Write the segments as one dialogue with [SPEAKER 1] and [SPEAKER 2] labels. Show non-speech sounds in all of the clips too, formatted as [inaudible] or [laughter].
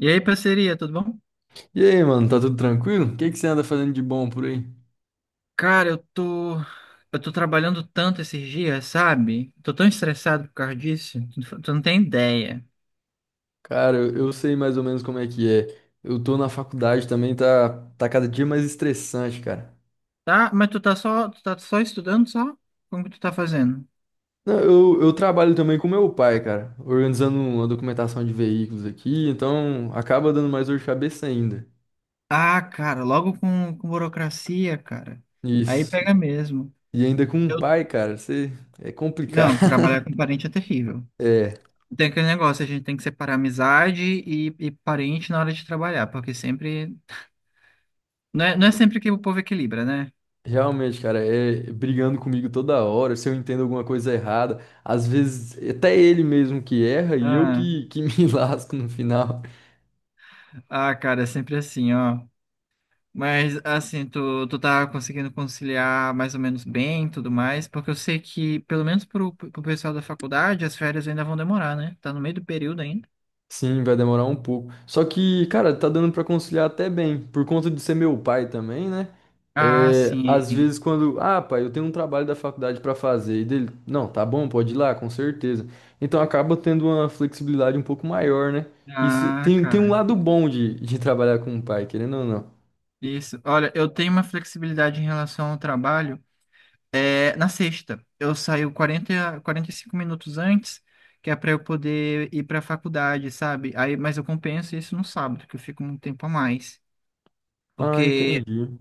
[SPEAKER 1] E aí, parceria, tudo bom?
[SPEAKER 2] E aí, mano, tá tudo tranquilo? O que que você anda fazendo de bom por aí?
[SPEAKER 1] Cara, eu tô trabalhando tanto esses dias, sabe? Tô tão estressado por causa disso, tu não tem ideia.
[SPEAKER 2] Cara, eu sei mais ou menos como é que é. Eu tô na faculdade também, tá cada dia mais estressante, cara.
[SPEAKER 1] Tá? Mas tu tá só estudando só? Como que tu tá fazendo?
[SPEAKER 2] Não, eu trabalho também com meu pai, cara, organizando uma documentação de veículos aqui, então acaba dando mais dor de cabeça ainda.
[SPEAKER 1] Ah, cara, logo com burocracia, cara. Aí
[SPEAKER 2] Isso.
[SPEAKER 1] pega mesmo.
[SPEAKER 2] E ainda com um
[SPEAKER 1] Eu,
[SPEAKER 2] pai, cara, você é complicado.
[SPEAKER 1] não,
[SPEAKER 2] [laughs]
[SPEAKER 1] trabalhar com parente é terrível.
[SPEAKER 2] É.
[SPEAKER 1] Tem aquele negócio, a gente tem que separar amizade e parente na hora de trabalhar, porque sempre. Não é sempre que o povo equilibra, né?
[SPEAKER 2] Realmente, cara, é brigando comigo toda hora, se eu entendo alguma coisa errada, às vezes até ele mesmo que erra e eu
[SPEAKER 1] Ah,
[SPEAKER 2] que me [laughs] lasco no final.
[SPEAKER 1] ah, cara, é sempre assim, ó. Mas assim, tu tá conseguindo conciliar mais ou menos bem, e tudo mais, porque eu sei que, pelo menos pro pessoal da faculdade, as férias ainda vão demorar, né? Tá no meio do período ainda.
[SPEAKER 2] Sim, vai demorar um pouco. Só que, cara, tá dando pra conciliar até bem, por conta de ser meu pai também, né?
[SPEAKER 1] Ah,
[SPEAKER 2] É, às
[SPEAKER 1] sim.
[SPEAKER 2] vezes quando, ah, pai, eu tenho um trabalho da faculdade pra fazer, e dele, não, tá bom, pode ir lá, com certeza. Então acaba tendo uma flexibilidade um pouco maior, né? Isso
[SPEAKER 1] Ah,
[SPEAKER 2] tem um
[SPEAKER 1] cara.
[SPEAKER 2] lado bom de trabalhar com o pai, querendo ou não.
[SPEAKER 1] Isso. Olha, eu tenho uma flexibilidade em relação ao trabalho. É, na sexta, eu saio quarenta e cinco minutos antes, que é para eu poder ir para a faculdade, sabe? Aí, mas eu compenso isso no sábado, que eu fico um tempo a mais.
[SPEAKER 2] Ah,
[SPEAKER 1] Porque
[SPEAKER 2] entendi.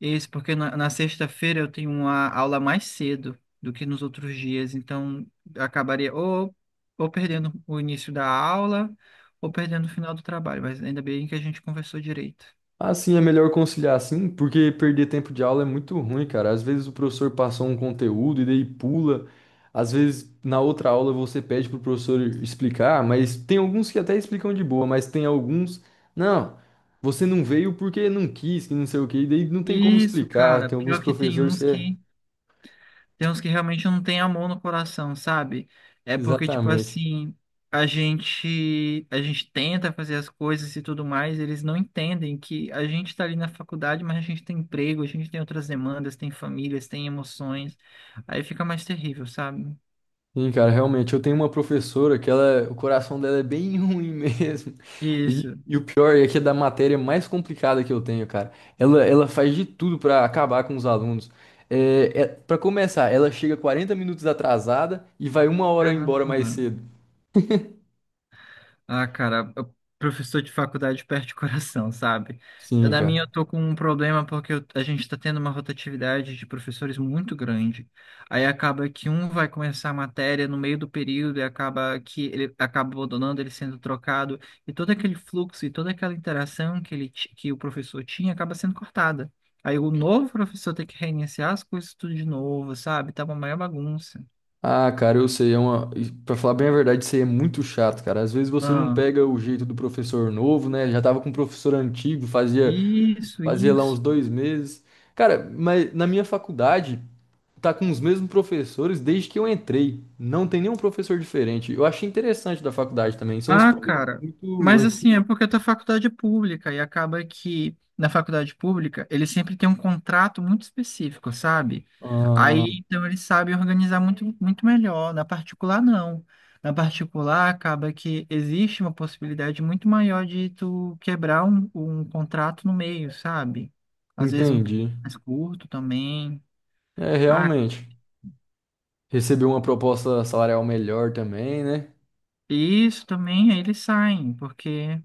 [SPEAKER 1] isso, porque na sexta-feira eu tenho uma aula mais cedo do que nos outros dias, então acabaria ou perdendo o início da aula ou perdendo o final do trabalho, mas ainda bem que a gente conversou direito.
[SPEAKER 2] Assim é melhor conciliar assim, porque perder tempo de aula é muito ruim, cara. Às vezes o professor passou um conteúdo e daí pula. Às vezes na outra aula você pede pro professor explicar, mas tem alguns que até explicam de boa, mas tem alguns, não, você não veio porque não quis, que não sei o quê, e daí não tem como
[SPEAKER 1] Isso,
[SPEAKER 2] explicar.
[SPEAKER 1] cara,
[SPEAKER 2] Tem alguns
[SPEAKER 1] pior que tem
[SPEAKER 2] professores
[SPEAKER 1] uns
[SPEAKER 2] que é
[SPEAKER 1] que Tem uns que realmente não tem amor no coração, sabe? É porque, tipo
[SPEAKER 2] exatamente.
[SPEAKER 1] assim, a gente tenta fazer as coisas e tudo mais, eles não entendem que a gente tá ali na faculdade, mas a gente tem emprego, a gente tem outras demandas, tem famílias, tem emoções. Aí fica mais terrível, sabe?
[SPEAKER 2] Sim, cara, realmente, eu tenho uma professora que ela, o coração dela é bem [laughs] ruim mesmo. E,
[SPEAKER 1] Isso.
[SPEAKER 2] e o pior é que é da matéria mais complicada que eu tenho, cara. Ela faz de tudo pra acabar com os alunos. Para começar, ela chega 40 minutos atrasada e vai uma hora embora mais
[SPEAKER 1] Caramba.
[SPEAKER 2] cedo.
[SPEAKER 1] Ah, cara, professor de faculdade perde o coração, sabe?
[SPEAKER 2] Sim,
[SPEAKER 1] Na minha,
[SPEAKER 2] cara.
[SPEAKER 1] eu tô com um problema porque a gente tá tendo uma rotatividade de professores muito grande. Aí acaba que um vai começar a matéria no meio do período e acaba que ele acaba abandonando, ele sendo trocado. E todo aquele fluxo e toda aquela interação que que o professor tinha acaba sendo cortada. Aí o novo professor tem que reiniciar as coisas tudo de novo, sabe? Tá uma maior bagunça.
[SPEAKER 2] Ah, cara, eu sei, é uma... E pra falar bem a verdade, isso aí é muito chato, cara. Às vezes você não
[SPEAKER 1] Ah,
[SPEAKER 2] pega o jeito do professor novo, né? Já tava com o professor antigo, fazia.
[SPEAKER 1] isso,
[SPEAKER 2] Fazia lá uns
[SPEAKER 1] isso.
[SPEAKER 2] dois meses. Cara, mas na minha faculdade tá com os mesmos professores desde que eu entrei. Não tem nenhum professor diferente. Eu achei interessante da faculdade também. São uns
[SPEAKER 1] Ah,
[SPEAKER 2] professores
[SPEAKER 1] cara,
[SPEAKER 2] muito
[SPEAKER 1] mas
[SPEAKER 2] antigos.
[SPEAKER 1] assim, é porque a tua faculdade é pública e acaba que na faculdade pública ele sempre tem um contrato muito específico, sabe?
[SPEAKER 2] Ah,
[SPEAKER 1] Aí então ele sabe organizar muito, muito melhor. Na particular, não. Na particular, acaba que existe uma possibilidade muito maior de tu quebrar um contrato no meio, sabe? Às vezes um período
[SPEAKER 2] entendi.
[SPEAKER 1] mais curto também.
[SPEAKER 2] É,
[SPEAKER 1] Ah,
[SPEAKER 2] realmente. Recebeu uma proposta salarial melhor também, né?
[SPEAKER 1] isso também, aí eles saem, porque.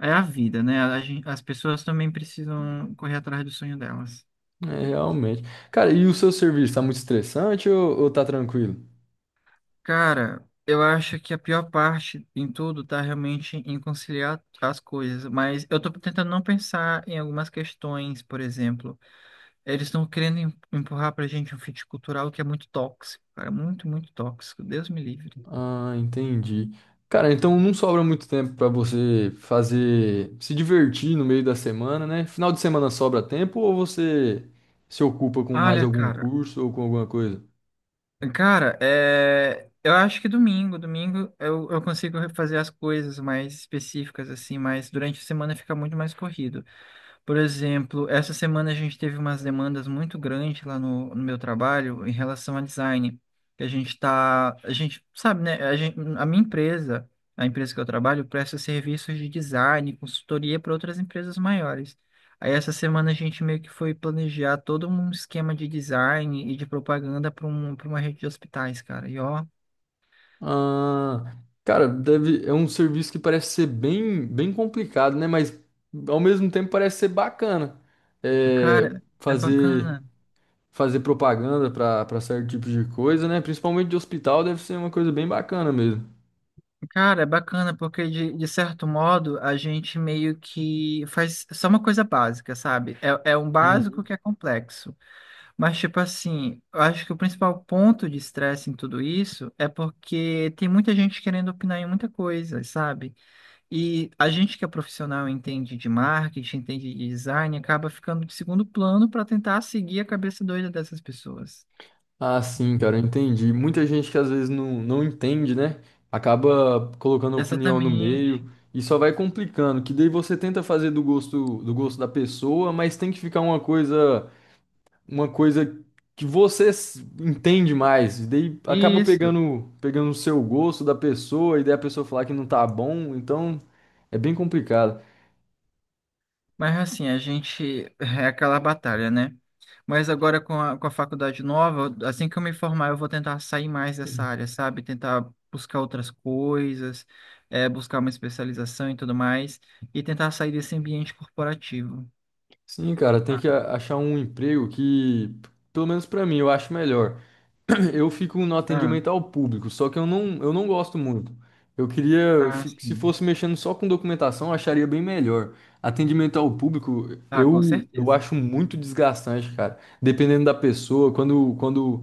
[SPEAKER 1] É a vida, né? As pessoas também precisam correr atrás do sonho delas.
[SPEAKER 2] É, realmente. Cara, e o seu serviço tá muito estressante ou tá tranquilo?
[SPEAKER 1] Cara, eu acho que a pior parte em tudo tá realmente em conciliar as coisas, mas eu tô tentando não pensar em algumas questões, por exemplo, eles estão querendo empurrar pra gente um fit cultural que é muito tóxico, cara, muito, muito tóxico, Deus me livre.
[SPEAKER 2] Ah, entendi. Cara, então não sobra muito tempo pra você fazer, se divertir no meio da semana, né? Final de semana sobra tempo ou você se ocupa com mais
[SPEAKER 1] Olha,
[SPEAKER 2] algum
[SPEAKER 1] cara,
[SPEAKER 2] curso ou com alguma coisa?
[SPEAKER 1] é... eu acho que domingo eu consigo fazer as coisas mais específicas, assim, mas durante a semana fica muito mais corrido. Por exemplo, essa semana a gente teve umas demandas muito grandes lá no meu trabalho em relação a design. Que a gente sabe, né? A empresa que eu trabalho presta serviços de design, consultoria para outras empresas maiores. Aí essa semana a gente meio que foi planejar todo um esquema de design e de propaganda para uma rede de hospitais, cara. E ó,
[SPEAKER 2] Ah, cara, deve, é um serviço que parece ser bem complicado, né? Mas ao mesmo tempo parece ser bacana. É,
[SPEAKER 1] cara, é
[SPEAKER 2] fazer,
[SPEAKER 1] bacana.
[SPEAKER 2] fazer propaganda para certo tipo de coisa, né? Principalmente de hospital deve ser uma coisa bem bacana mesmo.
[SPEAKER 1] Cara, é bacana, porque de certo modo a gente meio que faz só uma coisa básica, sabe? É um básico
[SPEAKER 2] Hum.
[SPEAKER 1] que é complexo. Mas, tipo assim, eu acho que o principal ponto de estresse em tudo isso é porque tem muita gente querendo opinar em muita coisa, sabe? E a gente que é profissional e entende de marketing, entende de design, acaba ficando de segundo plano para tentar seguir a cabeça doida dessas pessoas.
[SPEAKER 2] Ah, sim, cara, eu entendi. Muita gente que às vezes não entende, né? Acaba colocando opinião no
[SPEAKER 1] Exatamente.
[SPEAKER 2] meio e só vai complicando, que daí você tenta fazer do gosto da pessoa, mas tem que ficar uma coisa que você s- entende mais, e daí acaba
[SPEAKER 1] Isso.
[SPEAKER 2] pegando o seu gosto da pessoa e daí a pessoa falar que não tá bom, então é bem complicado.
[SPEAKER 1] Mas assim, a gente é aquela batalha, né? Mas agora com a faculdade nova, assim que eu me formar, eu vou tentar sair mais dessa área, sabe? Tentar buscar outras coisas, é, buscar uma especialização e tudo mais, e tentar sair desse ambiente corporativo.
[SPEAKER 2] Sim, cara, tem
[SPEAKER 1] Tá.
[SPEAKER 2] que a- achar um emprego que, pelo menos pra mim, eu acho melhor. [clears throat] Eu fico no
[SPEAKER 1] Ah,
[SPEAKER 2] atendimento ao público, só que eu não gosto muito. Eu queria,
[SPEAKER 1] ah,
[SPEAKER 2] fi- se
[SPEAKER 1] sim.
[SPEAKER 2] fosse mexendo só com documentação, eu acharia bem melhor. Atendimento ao público,
[SPEAKER 1] Ah, com
[SPEAKER 2] eu
[SPEAKER 1] certeza.
[SPEAKER 2] acho muito desgastante, cara. Dependendo da pessoa,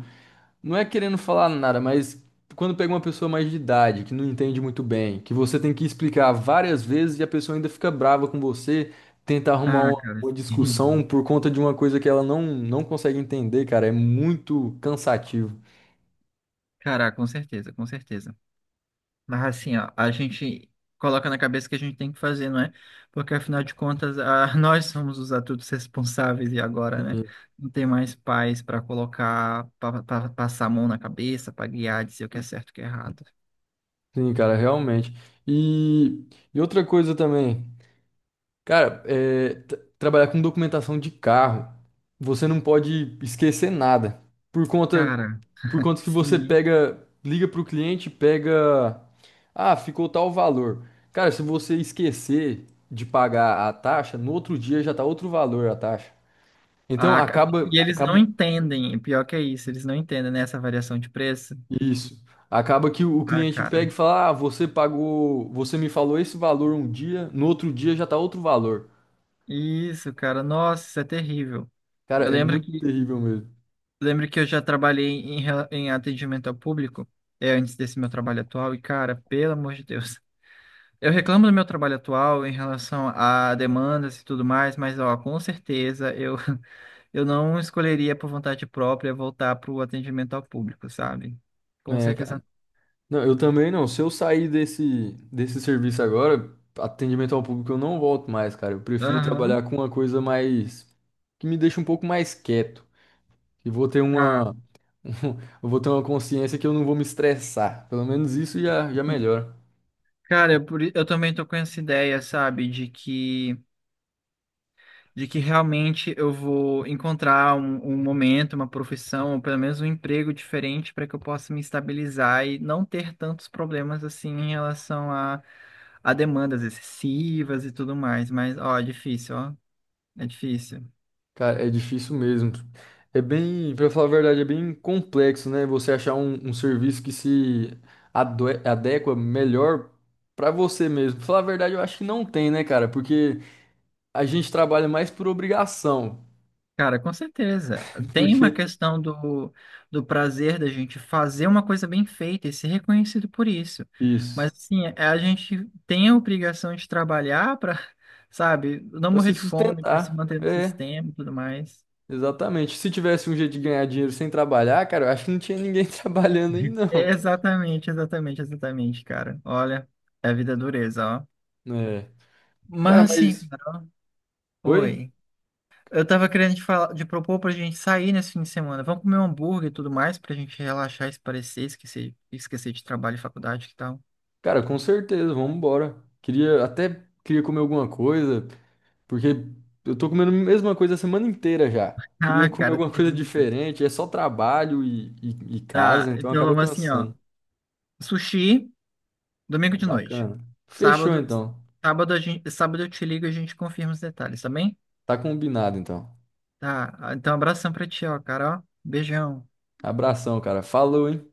[SPEAKER 2] não é querendo falar nada, mas quando pega uma pessoa mais de idade, que não entende muito bem, que você tem que explicar várias vezes e a pessoa ainda fica brava com você, tenta arrumar
[SPEAKER 1] Ah,
[SPEAKER 2] uma,
[SPEAKER 1] cara,
[SPEAKER 2] uma discussão
[SPEAKER 1] sim.
[SPEAKER 2] por conta de uma coisa que ela não consegue entender, cara, é muito cansativo.
[SPEAKER 1] Cara, com certeza, com certeza. Mas assim, ó, a gente coloca na cabeça que a gente tem que fazer, não é? Porque afinal de contas, [laughs] nós somos os adultos responsáveis e agora, né? Não tem mais pais para colocar, para passar a mão na cabeça, para guiar, dizer o que é certo e o que é errado.
[SPEAKER 2] Sim, cara, realmente. E, e outra coisa também, cara, é, tra- trabalhar com documentação de carro, você não pode esquecer nada. Por conta,
[SPEAKER 1] Cara,
[SPEAKER 2] por conta que você
[SPEAKER 1] sim.
[SPEAKER 2] pega, liga pro cliente, pega, ah, ficou tal valor. Cara, se você esquecer de pagar a taxa, no outro dia já tá outro valor a taxa. Então
[SPEAKER 1] A ca-
[SPEAKER 2] acaba,
[SPEAKER 1] e eles não
[SPEAKER 2] acaba
[SPEAKER 1] entendem, pior que é isso, eles não entendem, né, essa variação de preço.
[SPEAKER 2] Isso. Acaba que o
[SPEAKER 1] Ah,
[SPEAKER 2] cliente
[SPEAKER 1] cara.
[SPEAKER 2] pega e fala: Ah, você pagou, você me falou esse valor um dia, no outro dia já tá outro valor.
[SPEAKER 1] Isso, cara. Nossa, isso é terrível.
[SPEAKER 2] Cara,
[SPEAKER 1] Eu
[SPEAKER 2] é
[SPEAKER 1] lembro
[SPEAKER 2] muito
[SPEAKER 1] que
[SPEAKER 2] terrível mesmo.
[SPEAKER 1] Lembro que eu já trabalhei em atendimento ao público, é, antes desse meu trabalho atual, e cara, pelo amor de Deus. [laughs] Eu reclamo do meu trabalho atual em relação a demandas e tudo mais, mas ó, com certeza eu, [laughs] eu não escolheria por vontade própria voltar para o atendimento ao público, sabe? Com
[SPEAKER 2] É,
[SPEAKER 1] certeza.
[SPEAKER 2] cara. Não, eu também não. Se eu sair desse serviço agora, atendimento ao público, eu não volto mais, cara. Eu prefiro trabalhar
[SPEAKER 1] Aham.
[SPEAKER 2] com uma coisa mais, que me deixa um pouco mais quieto. E vou ter
[SPEAKER 1] Tá.
[SPEAKER 2] uma, [laughs] eu vou ter uma consciência que eu não vou me estressar. Pelo menos isso já melhora.
[SPEAKER 1] Cara, eu também tô com essa ideia, sabe, de que realmente eu vou encontrar um momento, uma profissão, ou pelo menos um emprego diferente para que eu possa me estabilizar e não ter tantos problemas assim em relação a demandas excessivas e tudo mais. Mas, ó, é difícil, ó. É difícil.
[SPEAKER 2] Cara, é difícil mesmo. É bem, pra falar a verdade, é bem complexo, né? Você achar um serviço que se adue- adequa melhor pra você mesmo. Pra falar a verdade, eu acho que não tem, né, cara? Porque a gente trabalha mais por obrigação.
[SPEAKER 1] Cara, com certeza.
[SPEAKER 2] [laughs]
[SPEAKER 1] Tem uma
[SPEAKER 2] Porque
[SPEAKER 1] questão do prazer da gente fazer uma coisa bem feita e ser reconhecido por isso.
[SPEAKER 2] isso,
[SPEAKER 1] Mas, assim, a gente tem a obrigação de trabalhar para, [laughs] sabe, não
[SPEAKER 2] pra
[SPEAKER 1] morrer
[SPEAKER 2] se
[SPEAKER 1] de fome, para se
[SPEAKER 2] sustentar.
[SPEAKER 1] manter no
[SPEAKER 2] É,
[SPEAKER 1] sistema e tudo mais.
[SPEAKER 2] exatamente. Se tivesse um jeito de ganhar dinheiro sem trabalhar, cara, eu acho que não tinha ninguém [laughs] trabalhando aí,
[SPEAKER 1] É,
[SPEAKER 2] não.
[SPEAKER 1] exatamente, exatamente, exatamente, cara. Olha, é a vida dureza, ó.
[SPEAKER 2] É.
[SPEAKER 1] Mas,
[SPEAKER 2] Cara,
[SPEAKER 1] assim,
[SPEAKER 2] mas
[SPEAKER 1] cara, ó,
[SPEAKER 2] oi?
[SPEAKER 1] oi. Eu tava querendo te falar, de propor pra gente sair nesse fim de semana. Vamos comer um hambúrguer e tudo mais pra gente relaxar, esparecer, esquecer de trabalho e faculdade que tal.
[SPEAKER 2] Cara, com certeza, vamos embora. Queria até queria comer alguma coisa. Porque eu tô comendo a mesma coisa a semana inteira já. Queria
[SPEAKER 1] Ah,
[SPEAKER 2] comer
[SPEAKER 1] cara,
[SPEAKER 2] alguma coisa
[SPEAKER 1] terrível.
[SPEAKER 2] diferente, é só trabalho e
[SPEAKER 1] Tá,
[SPEAKER 2] casa, então
[SPEAKER 1] então
[SPEAKER 2] acaba
[SPEAKER 1] vamos assim, ó.
[SPEAKER 2] cansando.
[SPEAKER 1] Sushi, domingo
[SPEAKER 2] Mas
[SPEAKER 1] de noite.
[SPEAKER 2] bacana. Fechou
[SPEAKER 1] Sábado,
[SPEAKER 2] então.
[SPEAKER 1] sábado eu te ligo e a gente confirma os detalhes, tá bem?
[SPEAKER 2] Tá combinado então.
[SPEAKER 1] Tá, então abração pra ti, ó, cara, ó. Beijão.
[SPEAKER 2] Abração, cara. Falou, hein?